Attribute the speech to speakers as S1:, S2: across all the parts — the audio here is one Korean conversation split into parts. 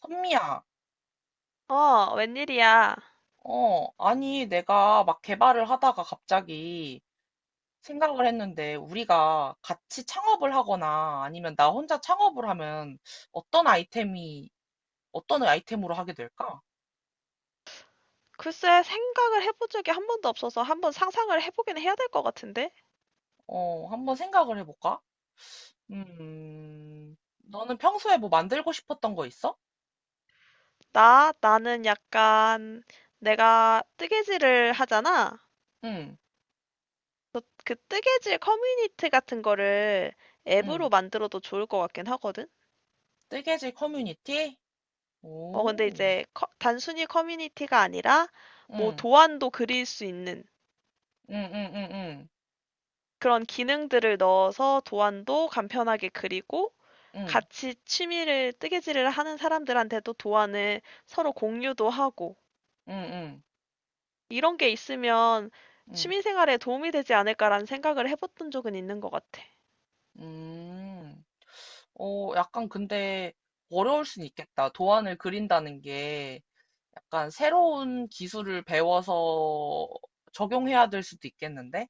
S1: 선미야,
S2: 웬일이야.
S1: 어, 아니, 내가 막 개발을 하다가 갑자기 생각을 했는데, 우리가 같이 창업을 하거나 아니면 나 혼자 창업을 하면 어떤 아이템이, 어떤 아이템으로 하게 될까?
S2: 글쎄, 생각을 해본 적이 한 번도 없어서 한번 상상을 해보긴 해야 될 것 같은데?
S1: 어, 한번 생각을 해볼까? 너는 평소에 뭐 만들고 싶었던 거 있어?
S2: 나는 약간, 내가 뜨개질을 하잖아?
S1: 응,
S2: 그 뜨개질 커뮤니티 같은 거를
S1: 응.
S2: 앱으로 만들어도 좋을 것 같긴 하거든?
S1: 뜨개질 커뮤니티?
S2: 근데
S1: 오,
S2: 이제 단순히 커뮤니티가 아니라, 뭐
S1: 응,
S2: 도안도 그릴 수 있는
S1: 응, 응, 응,
S2: 그런 기능들을 넣어서 도안도 간편하게 그리고,
S1: 응,
S2: 같이 취미를 뜨개질을 하는 사람들한테도 도안을 서로 공유도 하고
S1: 응, 응, 응,
S2: 이런 게 있으면
S1: 응,
S2: 취미 생활에 도움이 되지 않을까라는 생각을 해봤던 적은 있는 것 같아.
S1: 응. 음. 어, 약간 근데 어려울 순 있겠다. 도안을 그린다는 게 약간 새로운 기술을 배워서 적용해야 될 수도 있겠는데?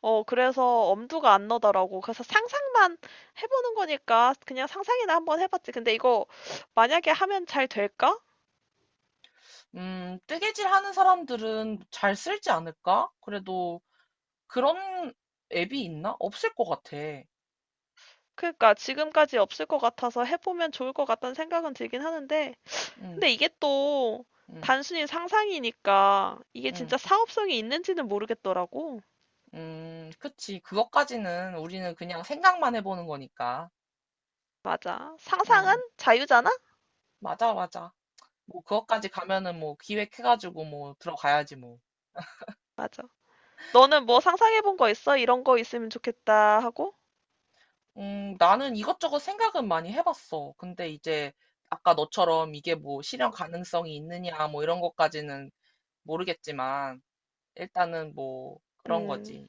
S2: 어, 그래서 엄두가 안 나더라고. 그래서 상상만 해보는 거니까 그냥 상상이나 한번 해봤지. 근데 이거 만약에 하면 잘 될까?
S1: 뜨개질 하는 사람들은 잘 쓸지 않을까? 그래도 그런 앱이 있나? 없을 것 같아.
S2: 그러니까 지금까지 없을 것 같아서 해보면 좋을 것 같다는 생각은 들긴 하는데,
S1: 음,
S2: 근데 이게 또
S1: 음,
S2: 단순히 상상이니까 이게
S1: 음,
S2: 진짜 사업성이 있는지는 모르겠더라고.
S1: 그치. 그것까지는 우리는 그냥 생각만 해보는 거니까.
S2: 맞아. 상상은
S1: 음,
S2: 자유잖아?
S1: 맞아, 맞아. 뭐, 그것까지 가면은 뭐 기획해가지고 뭐 들어가야지 뭐.
S2: 맞아. 너는 뭐 상상해본 거 있어? 이런 거 있으면 좋겠다 하고?
S1: 나는 이것저것 생각은 많이 해봤어. 근데 이제 아까 너처럼 이게 뭐 실현 가능성이 있느냐 뭐 이런 것까지는 모르겠지만 일단은 뭐 그런
S2: 음,
S1: 거지.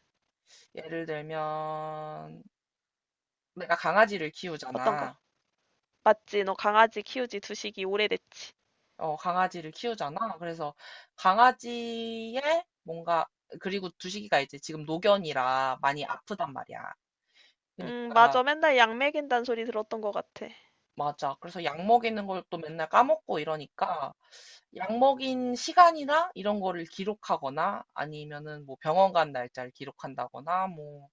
S1: 예를 들면 내가 강아지를
S2: 어떤 거?
S1: 키우잖아.
S2: 맞지, 너 강아지 키우지 두식이 오래됐지.
S1: 어, 강아지를 키우잖아. 그래서 강아지의 뭔가 그리고 두식이가 이제 지금 노견이라 많이 아프단 말이야. 그러니까
S2: 맞아. 맨날 약 먹인단 소리 들었던 것 같아.
S1: 맞아. 그래서 약 먹이는 걸 또 맨날 까먹고 이러니까 약 먹인 시간이나 이런 거를 기록하거나 아니면은 뭐 병원 간 날짜를 기록한다거나 뭐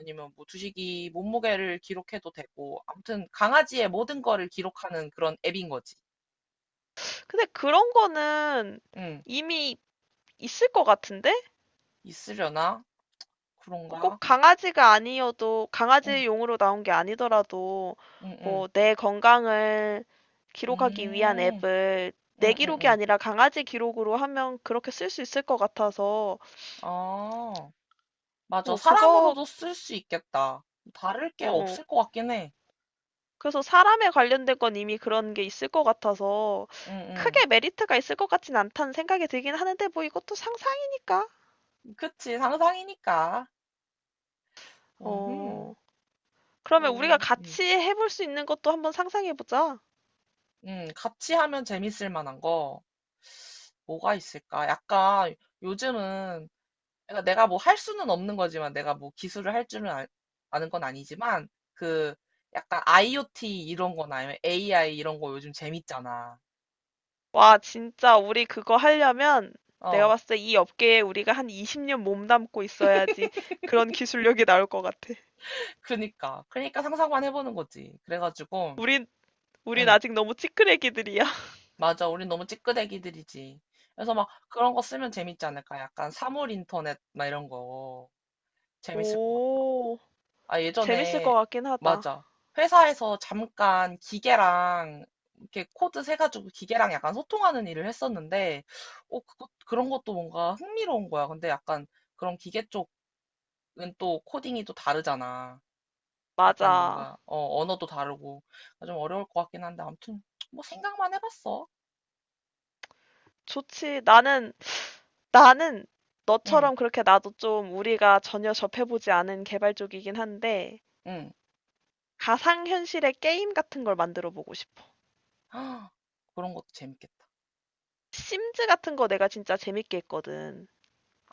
S1: 아니면 뭐 주식이 몸무게를 기록해도 되고 아무튼 강아지의 모든 거를 기록하는 그런 앱인 거지.
S2: 근데 그런 거는
S1: 응.
S2: 이미 있을 것 같은데?
S1: 있으려나?
S2: 꼭
S1: 그런가?
S2: 강아지가 아니어도
S1: 응,
S2: 강아지용으로 나온 게 아니더라도
S1: 응, 응.
S2: 뭐 내 건강을 기록하기 위한
S1: 음,
S2: 앱을 내
S1: 응, 응,
S2: 기록이
S1: 응.
S2: 아니라 강아지 기록으로 하면 그렇게 쓸 수 있을 것 같아서
S1: 아, 맞아.
S2: 어 그거 어
S1: 사람으로도 쓸 수 있겠다. 다를 게
S2: 어
S1: 없을 것 같긴 해.
S2: 그래서 사람에 관련된 건 이미 그런 게 있을 것 같아서
S1: 응,
S2: 크게 메리트가 있을 것 같진 않다는 생각이 들긴 하는데 뭐 이것도 상상이니까.
S1: 응. 그치. 상상이니까. 음,
S2: 어. 그러면 우리가
S1: 또,
S2: 같이 해볼 수 있는 것도 한번 상상해 보자.
S1: 같이 하면 재밌을 만한 거 뭐가 있을까? 약간 요즘은 그러니까 내가 뭐 할 수는 없는 거지만 내가 뭐 기술을 할 줄은 아는 건 아니지만 그 약간 IoT 이런 거나 아니면 AI 이런 거 요즘 재밌잖아.
S2: 와, 진짜 우리 그거 하려면 내가
S1: 어,
S2: 봤을 때 이 업계에 우리가 한 20년 몸담고 있어야지 그런 기술력이 나올 것 같아.
S1: 그러니까 상상만 해보는 거지. 그래가지고
S2: 우린, 우린
S1: 응,
S2: 아직 너무 찌끄레기들이야.
S1: 맞아. 우린 너무 찌끄대기들이지. 그래서 막 그런 거 쓰면 재밌지 않을까? 약간 사물 인터넷 막 이런 거 재밌을 것 같아.
S2: 오,
S1: 아,
S2: 재밌을 것
S1: 예전에,
S2: 같긴 하다.
S1: 맞아. 회사에서 잠깐 기계랑, 이렇게 코드 세가지고 기계랑 약간 소통하는 일을 했었는데, 어, 그런 것도 뭔가 흥미로운 거야. 근데 약간 그런 기계 쪽은 또 코딩이 또 다르잖아. 약간
S2: 맞아.
S1: 뭔가, 어, 언어도 다르고. 그러니까 좀 어려울 것 같긴 한데, 아무튼, 뭐 생각만 해봤어.
S2: 좋지. 나는
S1: 응,
S2: 너처럼 그렇게 나도 좀 우리가 전혀 접해보지 않은 개발 쪽이긴 한데
S1: 응.
S2: 가상현실의 게임 같은 걸 만들어 보고 싶어.
S1: 아, 그런 것도 재밌겠다.
S2: 심즈 같은 거 내가 진짜 재밌게 했거든.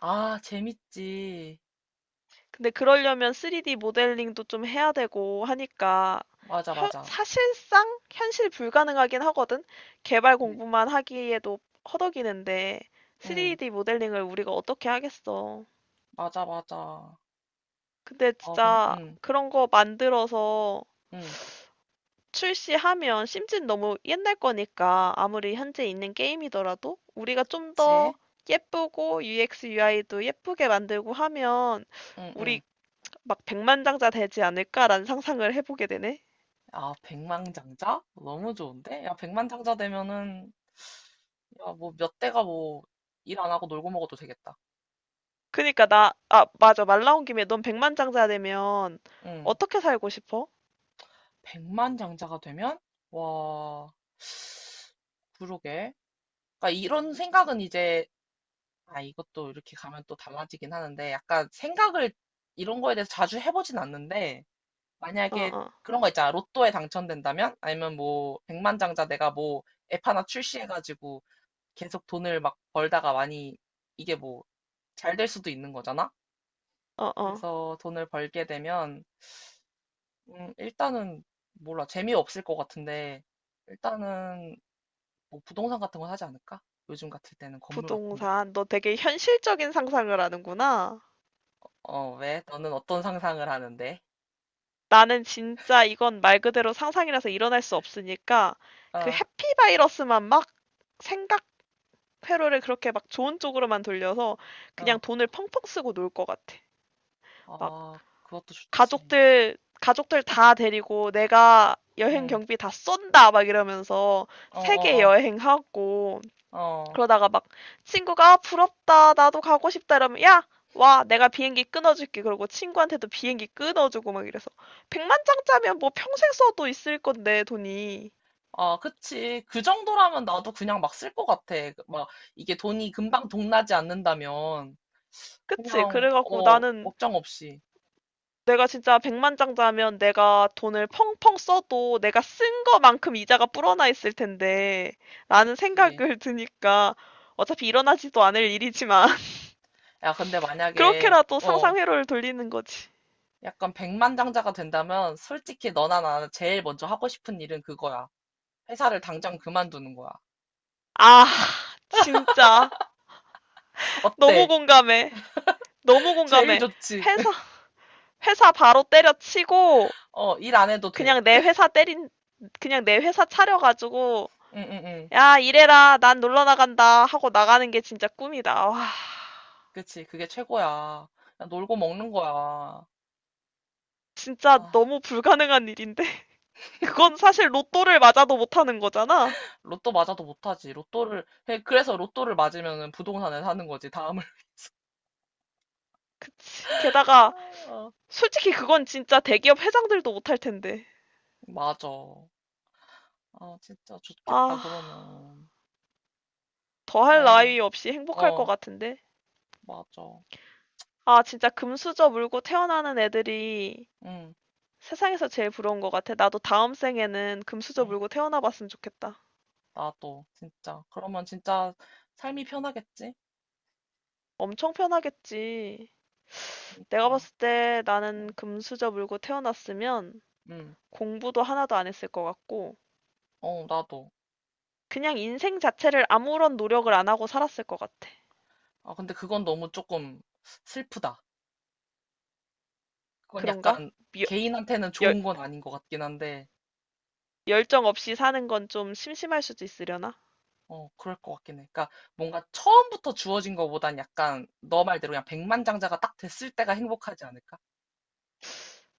S1: 아, 재밌지.
S2: 근데 그러려면 3D 모델링도 좀 해야 되고 하니까
S1: 맞아, 맞아.
S2: 사실상 현실 불가능하긴 하거든. 개발
S1: 응,
S2: 공부만 하기에도 허덕이는데
S1: 응.
S2: 3D 모델링을 우리가 어떻게 하겠어.
S1: 맞아, 맞아.
S2: 근데
S1: 어, 근,
S2: 진짜
S1: 응,
S2: 그런 거 만들어서
S1: 응.
S2: 출시하면 심지어 너무 옛날 거니까 아무리 현재 있는 게임이더라도 우리가 좀 더
S1: 그치?
S2: 예쁘고 UX, UI도 예쁘게 만들고 하면 우리
S1: 응응.
S2: 막 백만장자 되지 않을까라는 상상을 해보게 되네.
S1: 아, 백만장자? 너무 좋은데? 야, 백만장자 되면은, 야, 뭐 몇 대가 뭐 일 안 하고 놀고 먹어도 되겠다.
S2: 맞아. 말 나온 김에 넌 백만장자 되면
S1: 응.
S2: 어떻게 살고 싶어?
S1: 백만장자가 되면, 와, 그러게. 그러니까 이런 생각은 이제, 아, 이것도 이렇게 가면 또 달라지긴 하는데, 약간 생각을 이런 거에 대해서 자주 해보진 않는데,
S2: 어,
S1: 만약에
S2: 어,
S1: 그런 거 있잖아. 로또에 당첨된다면? 아니면 뭐, 백만장자 내가 뭐, 앱 하나 출시해가지고, 계속 돈을 막 벌다가 많이 이게 뭐 잘 될 수도 있는 거잖아?
S2: 어, 어.
S1: 그래서 돈을 벌게 되면 일단은 몰라 재미없을 것 같은데 일단은 뭐 부동산 같은 거 사지 않을까? 요즘 같을 때는 건물 같은 거?
S2: 부동산. 너 되게 현실적인 상상을 하는구나.
S1: 어, 왜? 너는 어떤 상상을 하는데?
S2: 나는 진짜 이건 말 그대로 상상이라서 일어날 수 없으니까 그
S1: 아,
S2: 해피바이러스만 막 생각 회로를 그렇게 막 좋은 쪽으로만 돌려서
S1: 어,
S2: 그냥 돈을 펑펑 쓰고 놀 것 같아.
S1: 아, 그것도 좋지.
S2: 가족들 다 데리고 내가 여행
S1: 응,
S2: 경비 다 쏜다 막 이러면서
S1: 어,
S2: 세계
S1: 어,
S2: 여행하고
S1: 어, 어.
S2: 그러다가 막 친구가 아, 부럽다 나도 가고 싶다 이러면 야 와, 내가 비행기 끊어줄게. 그러고 친구한테도 비행기 끊어주고 막 이래서. 백만 장짜면 뭐 평생 써도 있을 건데, 돈이.
S1: 아, 그치. 그 정도라면 나도 그냥 막 쓸 것 같아. 그, 막 이게 돈이 금방 동나지 않는다면.
S2: 그치?
S1: 그냥,
S2: 그래갖고
S1: 어,
S2: 나는
S1: 걱정 없이.
S2: 내가 진짜 백만장자면 내가 돈을 펑펑 써도 내가 쓴 거만큼 이자가 불어나 있을 텐데 라는
S1: 그치.
S2: 생각을 드니까 어차피 일어나지도 않을 일이지만
S1: 야, 근데 만약에,
S2: 그렇게라도
S1: 어,
S2: 상상 회로를 돌리는 거지.
S1: 약간 백만장자가 된다면, 솔직히 너나 나나 제일 먼저 하고 싶은 일은 그거야. 회사를 당장 그만두는 거야.
S2: 아, 진짜 너무
S1: 어때?
S2: 공감해. 너무
S1: 제일
S2: 공감해.
S1: 좋지.
S2: 회사 회사 바로 때려치고
S1: 어, 일 안 해도 돼.
S2: 그냥 내 회사 때린 그냥 내 회사 차려가지고
S1: 응, 응, 응.
S2: 야, 이래라. 난 놀러 나간다 하고 나가는 게 진짜 꿈이다. 와.
S1: 그치. 그게 최고야. 그냥 놀고 먹는 거야.
S2: 진짜
S1: 아,
S2: 너무 불가능한 일인데. 그건 사실 로또를 맞아도 못하는 거잖아.
S1: 로또 맞아도 못하지. 로또를, 그래서 로또를 맞으면 부동산을 사는 거지, 다음을.
S2: 그치. 게다가
S1: 아,
S2: 솔직히 그건 진짜 대기업 회장들도 못할 텐데.
S1: 맞아. 아, 진짜
S2: 아,
S1: 좋겠다, 그러면.
S2: 더할
S1: 만약에,
S2: 나위 없이 행복할 것
S1: 어,
S2: 같은데.
S1: 맞아.
S2: 아, 진짜 금수저 물고 태어나는 애들이
S1: 응,
S2: 세상에서 제일 부러운 것 같아. 나도 다음 생에는 금수저
S1: 응,
S2: 물고 태어나 봤으면 좋겠다.
S1: 나도, 진짜. 그러면 진짜 삶이 편하겠지?
S2: 엄청 편하겠지. 내가
S1: 그러니까.
S2: 봤을 때 나는
S1: 응,
S2: 금수저 물고 태어났으면
S1: 응,
S2: 공부도 하나도 안 했을 것 같고,
S1: 어, 나도.
S2: 그냥 인생 자체를 아무런 노력을 안 하고 살았을 것 같아.
S1: 아, 근데 그건 너무 조금 슬프다. 그건
S2: 그런가?
S1: 약간
S2: 미-
S1: 개인한테는
S2: 열,
S1: 좋은 건 아닌 것 같긴 한데,
S2: 열정 없이 사는 건 좀 심심할 수도 있으려나?
S1: 어, 그럴 것 같긴 해. 그러니까 뭔가 처음부터 주어진 것보단 약간 너 말대로 그냥 백만장자가 딱 됐을 때가 행복하지 않을까?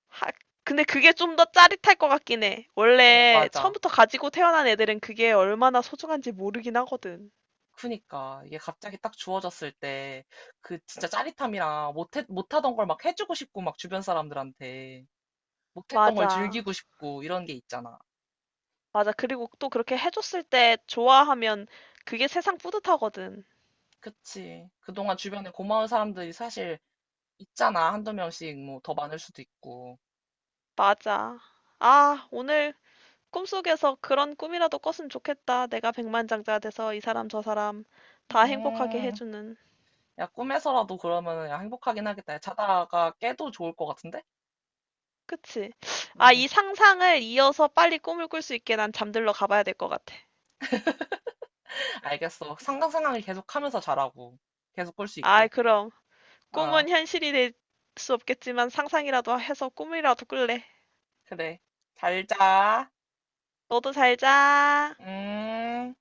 S2: 하, 근데 그게 좀 더 짜릿할 것 같긴 해.
S1: 어,
S2: 원래
S1: 맞아.
S2: 처음부터 가지고 태어난 애들은 그게 얼마나 소중한지 모르긴 하거든.
S1: 그니까 이게 갑자기 딱 주어졌을 때 그 진짜 짜릿함이랑 못하던 걸 막 해주고 싶고 막 주변 사람들한테 못했던 걸
S2: 맞아.
S1: 즐기고 싶고 이런 게 있잖아.
S2: 맞아. 그리고 또 그렇게 해줬을 때 좋아하면 그게 세상 뿌듯하거든.
S1: 그치. 그동안 주변에 고마운 사람들이 사실 있잖아. 한두 명씩 뭐 더 많을 수도 있고.
S2: 맞아. 아, 오늘 꿈속에서 그런 꿈이라도 꿨으면 좋겠다. 내가 백만장자 돼서 이 사람 저 사람 다 행복하게
S1: 음,
S2: 해주는.
S1: 야, 꿈에서라도 그러면 야, 행복하긴 하겠다. 야, 자다가 깨도 좋을 것 같은데?
S2: 그치? 아,
S1: 음,
S2: 이 상상을 이어서 빨리 꿈을 꿀 수 있게 난 잠들러 가봐야 될 것 같아.
S1: 알겠어. 상상 상황을 계속 하면서 자라고. 계속 꿀 수
S2: 아,
S1: 있게.
S2: 그럼.
S1: 어,
S2: 꿈은 현실이 될 수 없겠지만 상상이라도 해서 꿈이라도 꿀래.
S1: 그래. 잘 자.
S2: 너도 잘 자.
S1: 음.